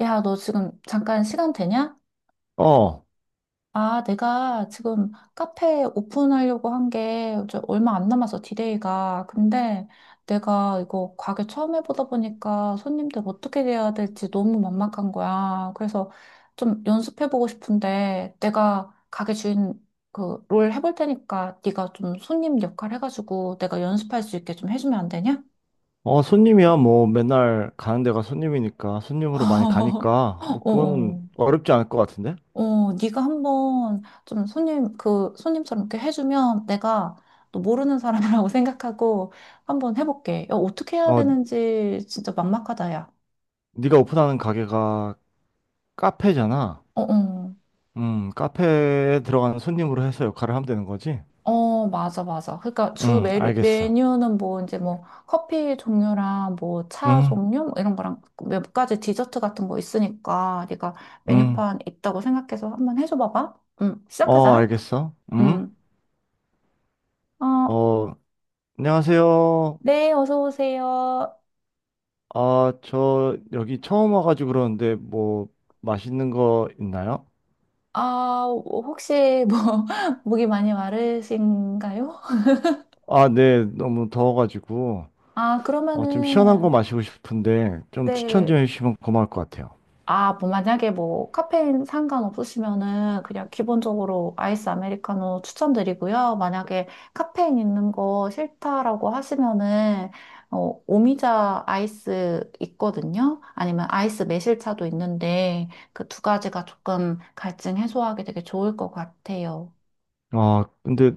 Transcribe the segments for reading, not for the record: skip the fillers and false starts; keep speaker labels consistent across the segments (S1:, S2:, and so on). S1: 야, 너 지금 잠깐 시간 되냐?
S2: 어,
S1: 아, 내가 지금 카페 오픈하려고 한 게 얼마 안 남아서 디데이가. 근데 내가 이거 가게 처음 해보다 보니까 손님들 어떻게 대해야 될지 너무 막막한 거야. 그래서 좀 연습해보고 싶은데 내가 가게 주인 그 롤 해볼 테니까 네가 좀 손님 역할 해가지고 내가 연습할 수 있게 좀 해주면 안 되냐?
S2: 어, 손님이야. 뭐, 맨날 가는 데가 손님이니까, 손님으로 많이 가니까, 뭐,
S1: 어,
S2: 그거는
S1: 어.
S2: 어렵지 않을 것 같은데?
S1: 어, 네가 한번 좀 손님 그 손님처럼 이렇게 해주면 내가 또 모르는 사람이라고 생각하고 한번 해볼게. 야, 어떻게 해야
S2: 어,
S1: 되는지 진짜 막막하다, 야.
S2: 네가 오픈하는 가게가 카페잖아.
S1: 어, 어.
S2: 카페에 들어가는 손님으로 해서 역할을 하면 되는 거지?
S1: 어, 맞아, 맞아. 그러니까 주
S2: 알겠어.
S1: 메뉴는 뭐 이제 뭐 커피 종류랑 뭐 차
S2: 음,
S1: 종류 뭐 이런 거랑 몇 가지 디저트 같은 거 있으니까 네가
S2: 음,
S1: 메뉴판 있다고 생각해서 한번 해줘 봐봐. 응,
S2: 어,
S1: 시작하자.
S2: 알겠어.
S1: 응. 어,
S2: 어, 안녕하세요.
S1: 네, 어서 오세요.
S2: 아, 저 여기 처음 와가지고 그러는데, 뭐, 맛있는 거 있나요?
S1: 아, 어, 혹시 뭐, 목이 많이 마르신가요?
S2: 아, 네, 너무 더워가지고.
S1: 아,
S2: 어, 좀 시원한 거
S1: 그러면은,
S2: 마시고 싶은데 좀 추천
S1: 네.
S2: 좀 해주시면 고마울 것 같아요.
S1: 아, 뭐, 만약에 뭐, 카페인 상관없으시면은 그냥 기본적으로 아이스 아메리카노 추천드리고요. 만약에 카페인 있는 거 싫다라고 하시면은, 어, 오미자 아이스 있거든요. 아니면 아이스 매실차도 있는데, 그 두 가지가 조금 갈증 해소하기 되게 좋을 것 같아요.
S2: 아, 근데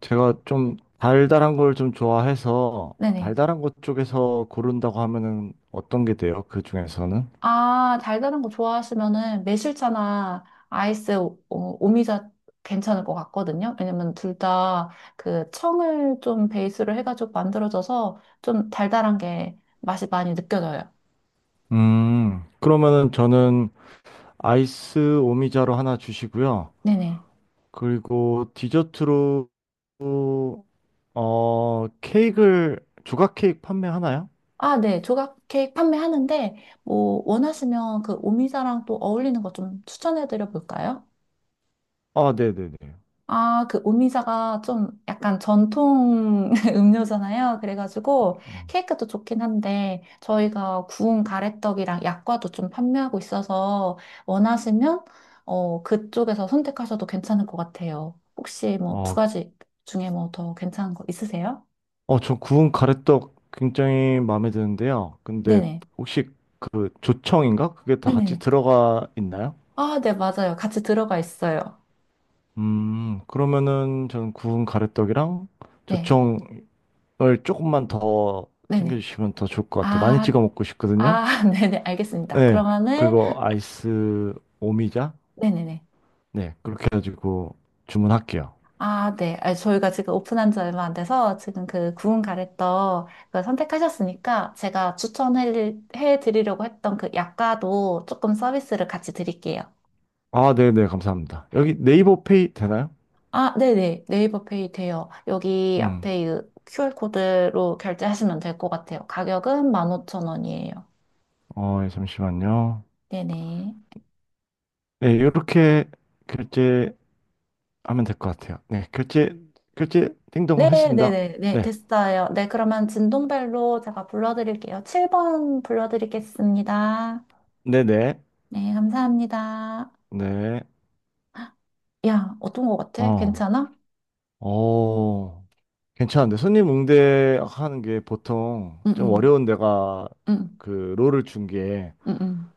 S2: 제가 좀 달달한 걸 좀 좋아해서
S1: 네네.
S2: 달달한 것 쪽에서 고른다고 하면은 어떤 게 돼요? 그 중에서는?
S1: 아, 달달한 거 좋아하시면은 매실차나 아이스 오, 미자 괜찮을 것 같거든요. 왜냐면 둘 다 그 청을 좀 베이스로 해가지고 만들어져서 좀 달달한 게 맛이 많이 느껴져요.
S2: 그러면은 저는 아이스 오미자로 하나 주시고요.
S1: 네네.
S2: 그리고 디저트로 어, 케이크를 조각 케이크 판매하나요?
S1: 아, 네. 조각 케이크 판매하는데 뭐 원하시면 그 오미자랑 또 어울리는 거 좀 추천해 드려 볼까요?
S2: 아, 네네네.
S1: 아, 그 오미자가 좀 약간 전통 음료잖아요. 그래가지고 케이크도 좋긴 한데 저희가 구운 가래떡이랑 약과도 좀 판매하고 있어서 원하시면, 어, 그쪽에서 선택하셔도 괜찮을 것 같아요. 혹시 뭐 두
S2: 어,
S1: 가지 중에 뭐 더 괜찮은 거 있으세요?
S2: 어, 저 구운 가래떡 굉장히 마음에 드는데요. 근데
S1: 네네.
S2: 혹시 그 조청인가? 그게 다 같이
S1: 네네네.
S2: 들어가 있나요?
S1: 아, 네, 맞아요. 같이 들어가 있어요.
S2: 그러면은 저는 구운 가래떡이랑
S1: 네.
S2: 조청을 조금만 더
S1: 네네.
S2: 챙겨주시면 더 좋을 것 같아요. 많이
S1: 아,
S2: 찍어 먹고 싶거든요.
S1: 아, 네네. 알겠습니다.
S2: 네.
S1: 그러면은
S2: 그리고 아이스 오미자?
S1: 네네네.
S2: 네. 그렇게 해가지고 주문할게요.
S1: 아, 네. 아, 저희가 지금 오픈한 지 얼마 안 돼서 지금 그 구운 가래떡 그걸 선택하셨으니까 제가 추천해 드리려고 했던 그 약과도 조금 서비스를 같이 드릴게요.
S2: 아, 네네. 감사합니다. 여기 네이버 페이 되나요?
S1: 아, 네네. 네이버 페이 돼요. 여기
S2: 음.
S1: 앞에 이 QR코드로 결제하시면 될 것 같아요. 가격은 15,000원이에요.
S2: 어, 예, 잠시만요.
S1: 네네.
S2: 네. 이렇게 결제 하면 될 것 같아요. 네, 결제, 결제, 띵동 했습니다.
S1: 네네네. 네,
S2: 네,
S1: 됐어요. 네, 그러면 진동벨로 제가 불러드릴게요. 7번 불러드리겠습니다.
S2: 네네,
S1: 네, 감사합니다.
S2: 네, 네.
S1: 야, 어떤 거 같아?
S2: 어,
S1: 괜찮아?
S2: 어, 괜찮은데. 손님 응대하는 게 보통
S1: 응,
S2: 좀
S1: 응,
S2: 어려운 데가
S1: 응,
S2: 그 롤을 준 게,
S1: 응, 응.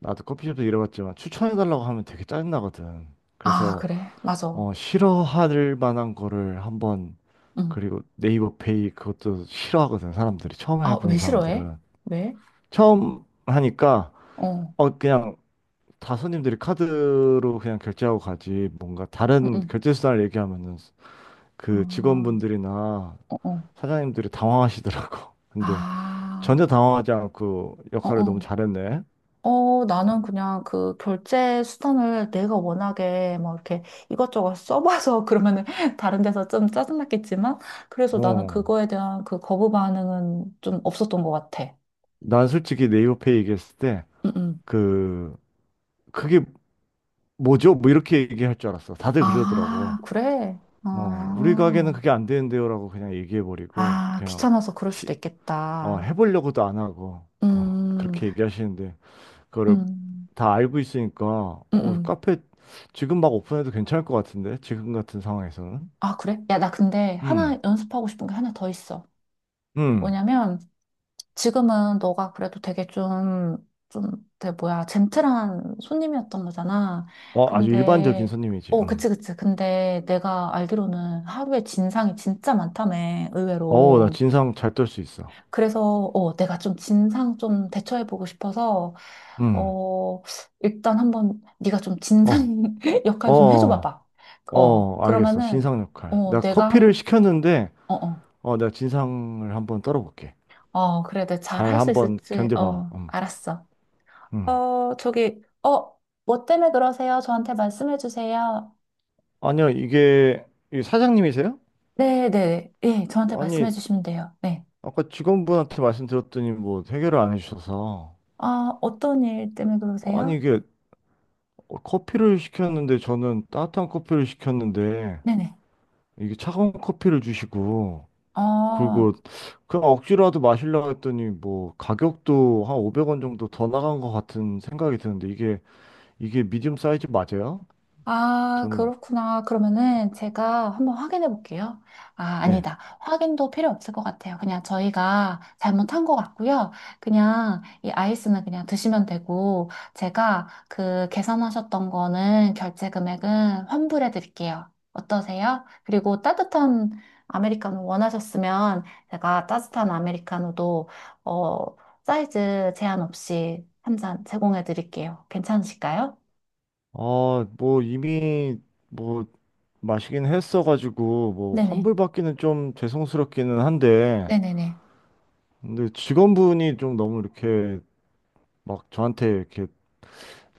S2: 나도 커피숍도 일해봤지만 추천해달라고 하면 되게 짜증나거든.
S1: 아,
S2: 그래서,
S1: 그래. 맞아.
S2: 어, 싫어할 만한 거를 한번,
S1: 응.
S2: 그리고 네이버 페이 그것도 싫어하거든, 사람들이. 처음
S1: 아,
S2: 해본
S1: 왜 싫어해?
S2: 사람들은.
S1: 왜?
S2: 처음 하니까,
S1: 어,
S2: 어, 그냥 다 손님들이 카드로 그냥 결제하고 가지 뭔가
S1: 응,
S2: 다른
S1: 응.
S2: 결제 수단을 얘기하면은 그
S1: 아,
S2: 직원분들이나
S1: 어, 어.
S2: 사장님들이 당황하시더라고. 근데 전혀
S1: 아,
S2: 당황하지 않고
S1: 어,
S2: 역할을 너무
S1: 어.
S2: 잘했네.
S1: 어, 나는 그냥 그 결제 수단을 내가 워낙에 막 이렇게 이것저것 써봐서 그러면은 다른 데서 좀 짜증났겠지만, 그래서 나는
S2: 어.
S1: 그거에 대한 그 거부 반응은 좀 없었던 것 같아.
S2: 난 솔직히 네이버페이 얘기했을 때
S1: 응, 응.
S2: 그 그게 뭐죠? 뭐 이렇게 얘기할 줄 알았어. 다들 그러더라고.
S1: 아, 그래?
S2: 어, 우리 가게는
S1: 아.
S2: 그게 안 되는데요라고 그냥 얘기해 버리고
S1: 아,
S2: 그냥
S1: 귀찮아서 그럴 수도
S2: 시- 어,
S1: 있겠다.
S2: 해보려고도 안 하고 어,
S1: 음,
S2: 그렇게 얘기하시는데 그거를
S1: 음,
S2: 다 알고 있으니까
S1: 음,
S2: 어,
S1: 음.
S2: 카페 지금 막 오픈해도 괜찮을 것 같은데 지금 같은 상황에서는
S1: 아, 그래? 야, 나 근데
S2: 음,
S1: 하나 연습하고 싶은 게 하나 더 있어.
S2: 음,
S1: 뭐냐면, 지금은 너가 그래도 되게 좀, 좀, 되게 뭐야, 젠틀한 손님이었던 거잖아.
S2: 어, 아주 일반적인
S1: 근데,
S2: 손님이지
S1: 어, 그치, 그치. 근데 내가 알기로는 하루에 진상이 진짜 많다며,
S2: 어, 나
S1: 의외로.
S2: 진상 잘 떨 수 있어
S1: 그래서, 어, 내가 좀 진상 좀 대처해보고 싶어서,
S2: 음,
S1: 어, 일단 한번 네가 좀
S2: 어,
S1: 진상
S2: 어,
S1: 역할 좀 해줘
S2: 어,
S1: 봐봐. 어,
S2: 어, 알겠어
S1: 그러면은,
S2: 진상 역할
S1: 어,
S2: 내가
S1: 내가
S2: 커피를
S1: 한,
S2: 시켰는데
S1: 어, 어.
S2: 어, 내가 진상을 한번 떨어볼게
S1: 어, 그래. 내가 잘
S2: 잘
S1: 할 수
S2: 한번
S1: 있을지.
S2: 견뎌봐
S1: 어, 알았어.
S2: 음.
S1: 어, 저기, 어, 뭐 때문에 그러세요? 저한테 말씀해 주세요.
S2: 아니요 이게 이 사장님이세요?
S1: 네, 네. 예, 저한테 말씀해
S2: 아니
S1: 주시면 돼요. 네.
S2: 아까 직원분한테 말씀드렸더니 뭐 해결을 안 해주셔서
S1: 아, 어떤 일 때문에 그러세요?
S2: 아니 이게 어, 커피를 시켰는데 저는 따뜻한 커피를 시켰는데
S1: 네네.
S2: 이게 차가운 커피를 주시고
S1: 어,
S2: 그리고 그냥 억지로라도 마시려고 했더니 뭐 가격도 한 500원 정도 더 나간 것 같은 생각이 드는데 이게 이게 미디움 사이즈 맞아요?
S1: 아,
S2: 저는
S1: 그렇구나. 그러면은 제가 한번 확인해 볼게요. 아,
S2: 네.
S1: 아니다. 확인도 필요 없을 것 같아요. 그냥 저희가 잘못한 것 같고요. 그냥 이 아이스는 그냥 드시면 되고, 제가 그 계산하셨던 거는 결제 금액은 환불해 드릴게요. 어떠세요? 그리고 따뜻한 아메리카노 원하셨으면 제가 따뜻한 아메리카노도, 어, 사이즈 제한 없이 한 잔 제공해 드릴게요. 괜찮으실까요?
S2: 아, 뭐 이미 뭐 마시긴 했어가지고 뭐
S1: 네네.
S2: 환불받기는 좀 죄송스럽기는 한데
S1: 네네네.
S2: 근데 직원분이 좀 너무 이렇게 막 저한테 이렇게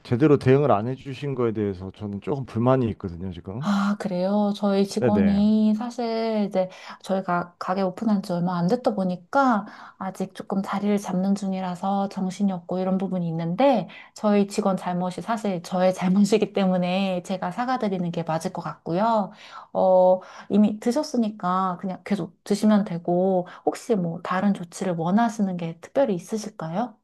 S2: 제대로 대응을 안 해주신 거에 대해서 저는 조금 불만이 있거든요, 지금.
S1: 아, 그래요? 저희
S2: 네네.
S1: 직원이 사실 이제 저희가 가게 오픈한 지 얼마 안 됐다 보니까 아직 조금 자리를 잡는 중이라서 정신이 없고 이런 부분이 있는데 저희 직원 잘못이 사실 저의 잘못이기 때문에 제가 사과드리는 게 맞을 것 같고요. 어, 이미 드셨으니까 그냥 계속 드시면 되고 혹시 뭐 다른 조치를 원하시는 게 특별히 있으실까요?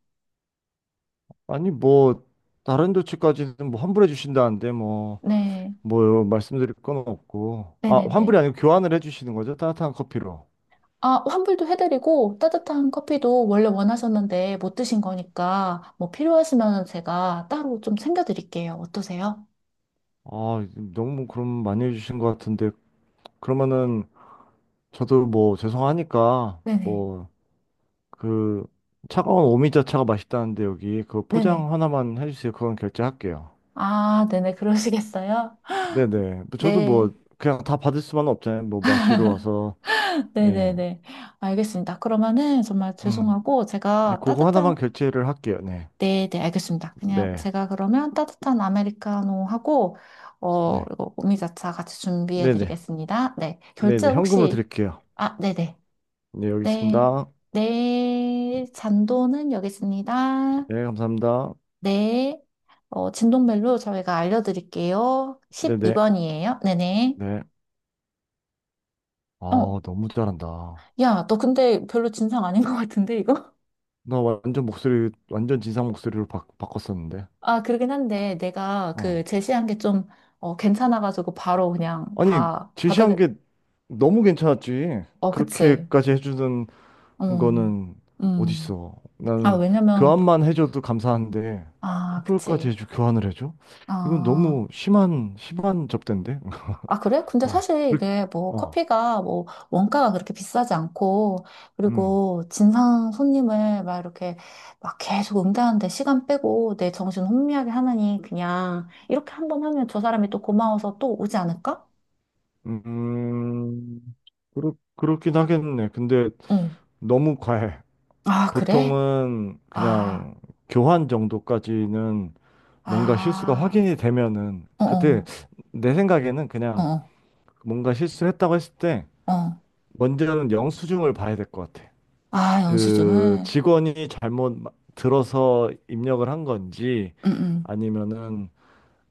S2: 아니, 뭐, 다른 조치까지는 뭐 환불해 주신다는데, 뭐,
S1: 네.
S2: 뭐, 말씀드릴 건 없고. 아, 환불이
S1: 네네네.
S2: 아니고 교환을 해 주시는 거죠? 따뜻한 커피로.
S1: 아, 환불도 해드리고 따뜻한 커피도 원래 원하셨는데 못 드신 거니까 뭐 필요하시면 제가 따로 좀 챙겨드릴게요. 어떠세요?
S2: 아, 너무 그럼 많이 해 주신 것 같은데, 그러면은 저도 뭐, 죄송하니까,
S1: 네네.
S2: 뭐, 그, 차가운 오미자차가 맛있다는데, 여기, 그
S1: 네네.
S2: 포장 하나만 해 주세요. 그건 결제할게요.
S1: 아, 네네. 그러시겠어요?
S2: 네네. 저도
S1: 네.
S2: 뭐, 그냥 다 받을 수만 은 없잖아요. 뭐, 마시러 와서. 예,
S1: 네네네. 알겠습니다. 그러면은 정말
S2: 음,
S1: 죄송하고
S2: 예,
S1: 제가
S2: 그거 하나만
S1: 따뜻한,
S2: 결제를 할게요. 네,
S1: 네네. 알겠습니다. 그냥
S2: 네,
S1: 제가 그러면 따뜻한 아메리카노하고, 어,
S2: 네,
S1: 그리고 오미자차 같이
S2: 네, 네,
S1: 준비해드리겠습니다. 네.
S2: 네,
S1: 결제
S2: 네, 현금으로
S1: 혹시,
S2: 드릴게요.
S1: 아, 네네.
S2: 네, 여기
S1: 네.
S2: 있습니다.
S1: 네, 잔도는 여기 있습니다.
S2: 네, 감사합니다.
S1: 네. 어, 진동벨로 저희가 알려드릴게요.
S2: 네, 네,
S1: 12번이에요. 네네.
S2: 네.
S1: 어,
S2: 아, 너무 잘한다.
S1: 야, 너 근데 별로 진상 아닌 것 같은데, 이거?
S2: 나 완전 목소리, 완전 진상 목소리로 바꿨었는데.
S1: 아, 그러긴 한데, 내가 그
S2: 어.
S1: 제시한 게 좀, 어, 괜찮아가지고 바로 그냥
S2: 아니,
S1: 다
S2: 제시한
S1: 받아들,
S2: 게 너무 괜찮았지.
S1: 어, 그치.
S2: 그렇게까지 해주는 그거
S1: 음,
S2: 는
S1: 음.
S2: 어딨어?
S1: 아,
S2: 나는
S1: 왜냐면,
S2: 교환만 해줘도 감사한데
S1: 아,
S2: 환불까지
S1: 그치.
S2: 해줘 교환을 해줘? 이건 너무
S1: 아.
S2: 심한 심한 접대인데?
S1: 아, 그래? 근데
S2: 어,
S1: 사실
S2: 그렇-
S1: 이게 뭐
S2: 어,
S1: 커피가 뭐 원가가 그렇게 비싸지 않고,
S2: 음,
S1: 그리고 진상 손님을 막 이렇게 막 계속 응대하는데 시간 빼고 내 정신 혼미하게 하느니 그냥 이렇게 한 번 하면 저 사람이 또 고마워서 또 오지 않을까?
S2: 음, 그렇긴 하겠네. 근데
S1: 응.
S2: 너무 과해.
S1: 아, 그래?
S2: 보통은
S1: 아,
S2: 그냥 교환 정도까지는 뭔가 실수가
S1: 아,
S2: 확인이 되면은
S1: 어,
S2: 그때
S1: 어,
S2: 내 생각에는
S1: 어,
S2: 그냥
S1: 어.
S2: 뭔가 실수했다고 했을 때
S1: 어.
S2: 먼저는 영수증을 봐야 될 것 같아.
S1: 아,
S2: 그
S1: 영수증을?
S2: 직원이 잘못 들어서 입력을 한 건지
S1: 응, 응,
S2: 아니면은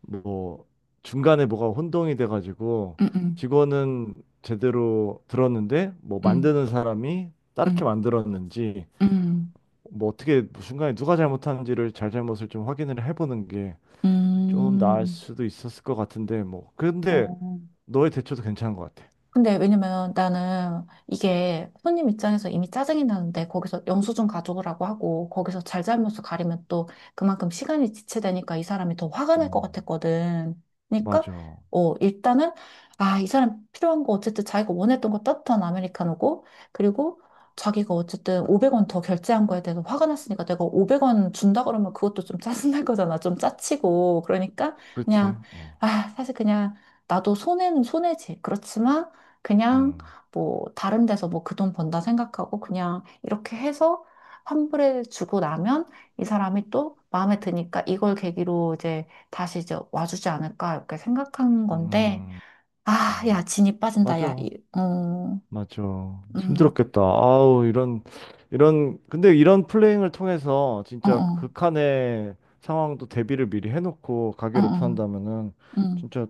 S2: 뭐 중간에 뭐가 혼동이 돼가지고
S1: 응,
S2: 직원은 제대로 들었는데 뭐
S1: 응,
S2: 만드는 사람이 다르게
S1: 응,
S2: 만들었는지
S1: 응,
S2: 뭐 어떻게 중간에 누가 잘못하는지를 잘잘못을 좀 확인을 해보는 게
S1: 응,
S2: 좀 나을 수도 있었을 것 같은데 뭐 근데
S1: 어.
S2: 너의 대처도 괜찮은 것 같아.
S1: 근데 왜냐면 나는 이게 손님 입장에서 이미 짜증이 나는데 거기서 영수증 가져오라고 하고 거기서 잘잘못을 가리면 또 그만큼 시간이 지체되니까 이 사람이 더 화가 날 것
S2: 음,
S1: 같았거든. 그러니까,
S2: 맞아.
S1: 어, 일단은, 아, 이 사람 필요한 거 어쨌든 자기가 원했던 거 따뜻한 아메리카노고, 그리고 자기가 어쨌든 500원 더 결제한 거에 대해서 화가 났으니까 내가 500원 준다 그러면 그것도 좀 짜증날 거잖아. 좀 짜치고 그러니까
S2: 그렇지.
S1: 그냥,
S2: 어.
S1: 아, 사실 그냥 나도 손해는 손해지. 그렇지만 그냥
S2: 음.
S1: 뭐 다른 데서 뭐 그 돈 번다 생각하고 그냥 이렇게 해서 환불해 주고 나면 이 사람이 또 마음에 드니까 이걸 계기로 이제 다시 이제 와주지 않을까 이렇게 생각한 건데.
S2: 음.
S1: 아,
S2: 음.
S1: 야, 진이 빠진다, 야,
S2: 맞아.
S1: 어,
S2: 맞죠.
S1: 음,
S2: 힘들었겠다. 아우, 이런, 이런, 근데 이런 플레이잉을 통해서
S1: 어,
S2: 진짜
S1: 어,
S2: 극한의 상황도 대비를 미리 해놓고
S1: 어,
S2: 가게
S1: 어,
S2: 오픈한다면은
S1: 음.
S2: 진짜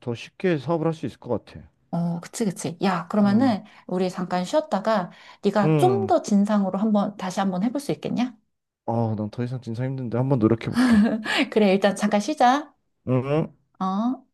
S2: 더 쉽게 사업을 할 수 있을 것 같아.
S1: 어, 그치, 그치. 야,
S2: 음,
S1: 그러면은 우리 잠깐 쉬었다가 네가 좀
S2: 음.
S1: 더 진상으로 한번 다시 한번 해볼 수 있겠냐?
S2: 아, 난 더 이상 진짜 힘든데 한번 노력해볼게.
S1: 그래, 일단 잠깐 쉬자.
S2: 응?
S1: 어?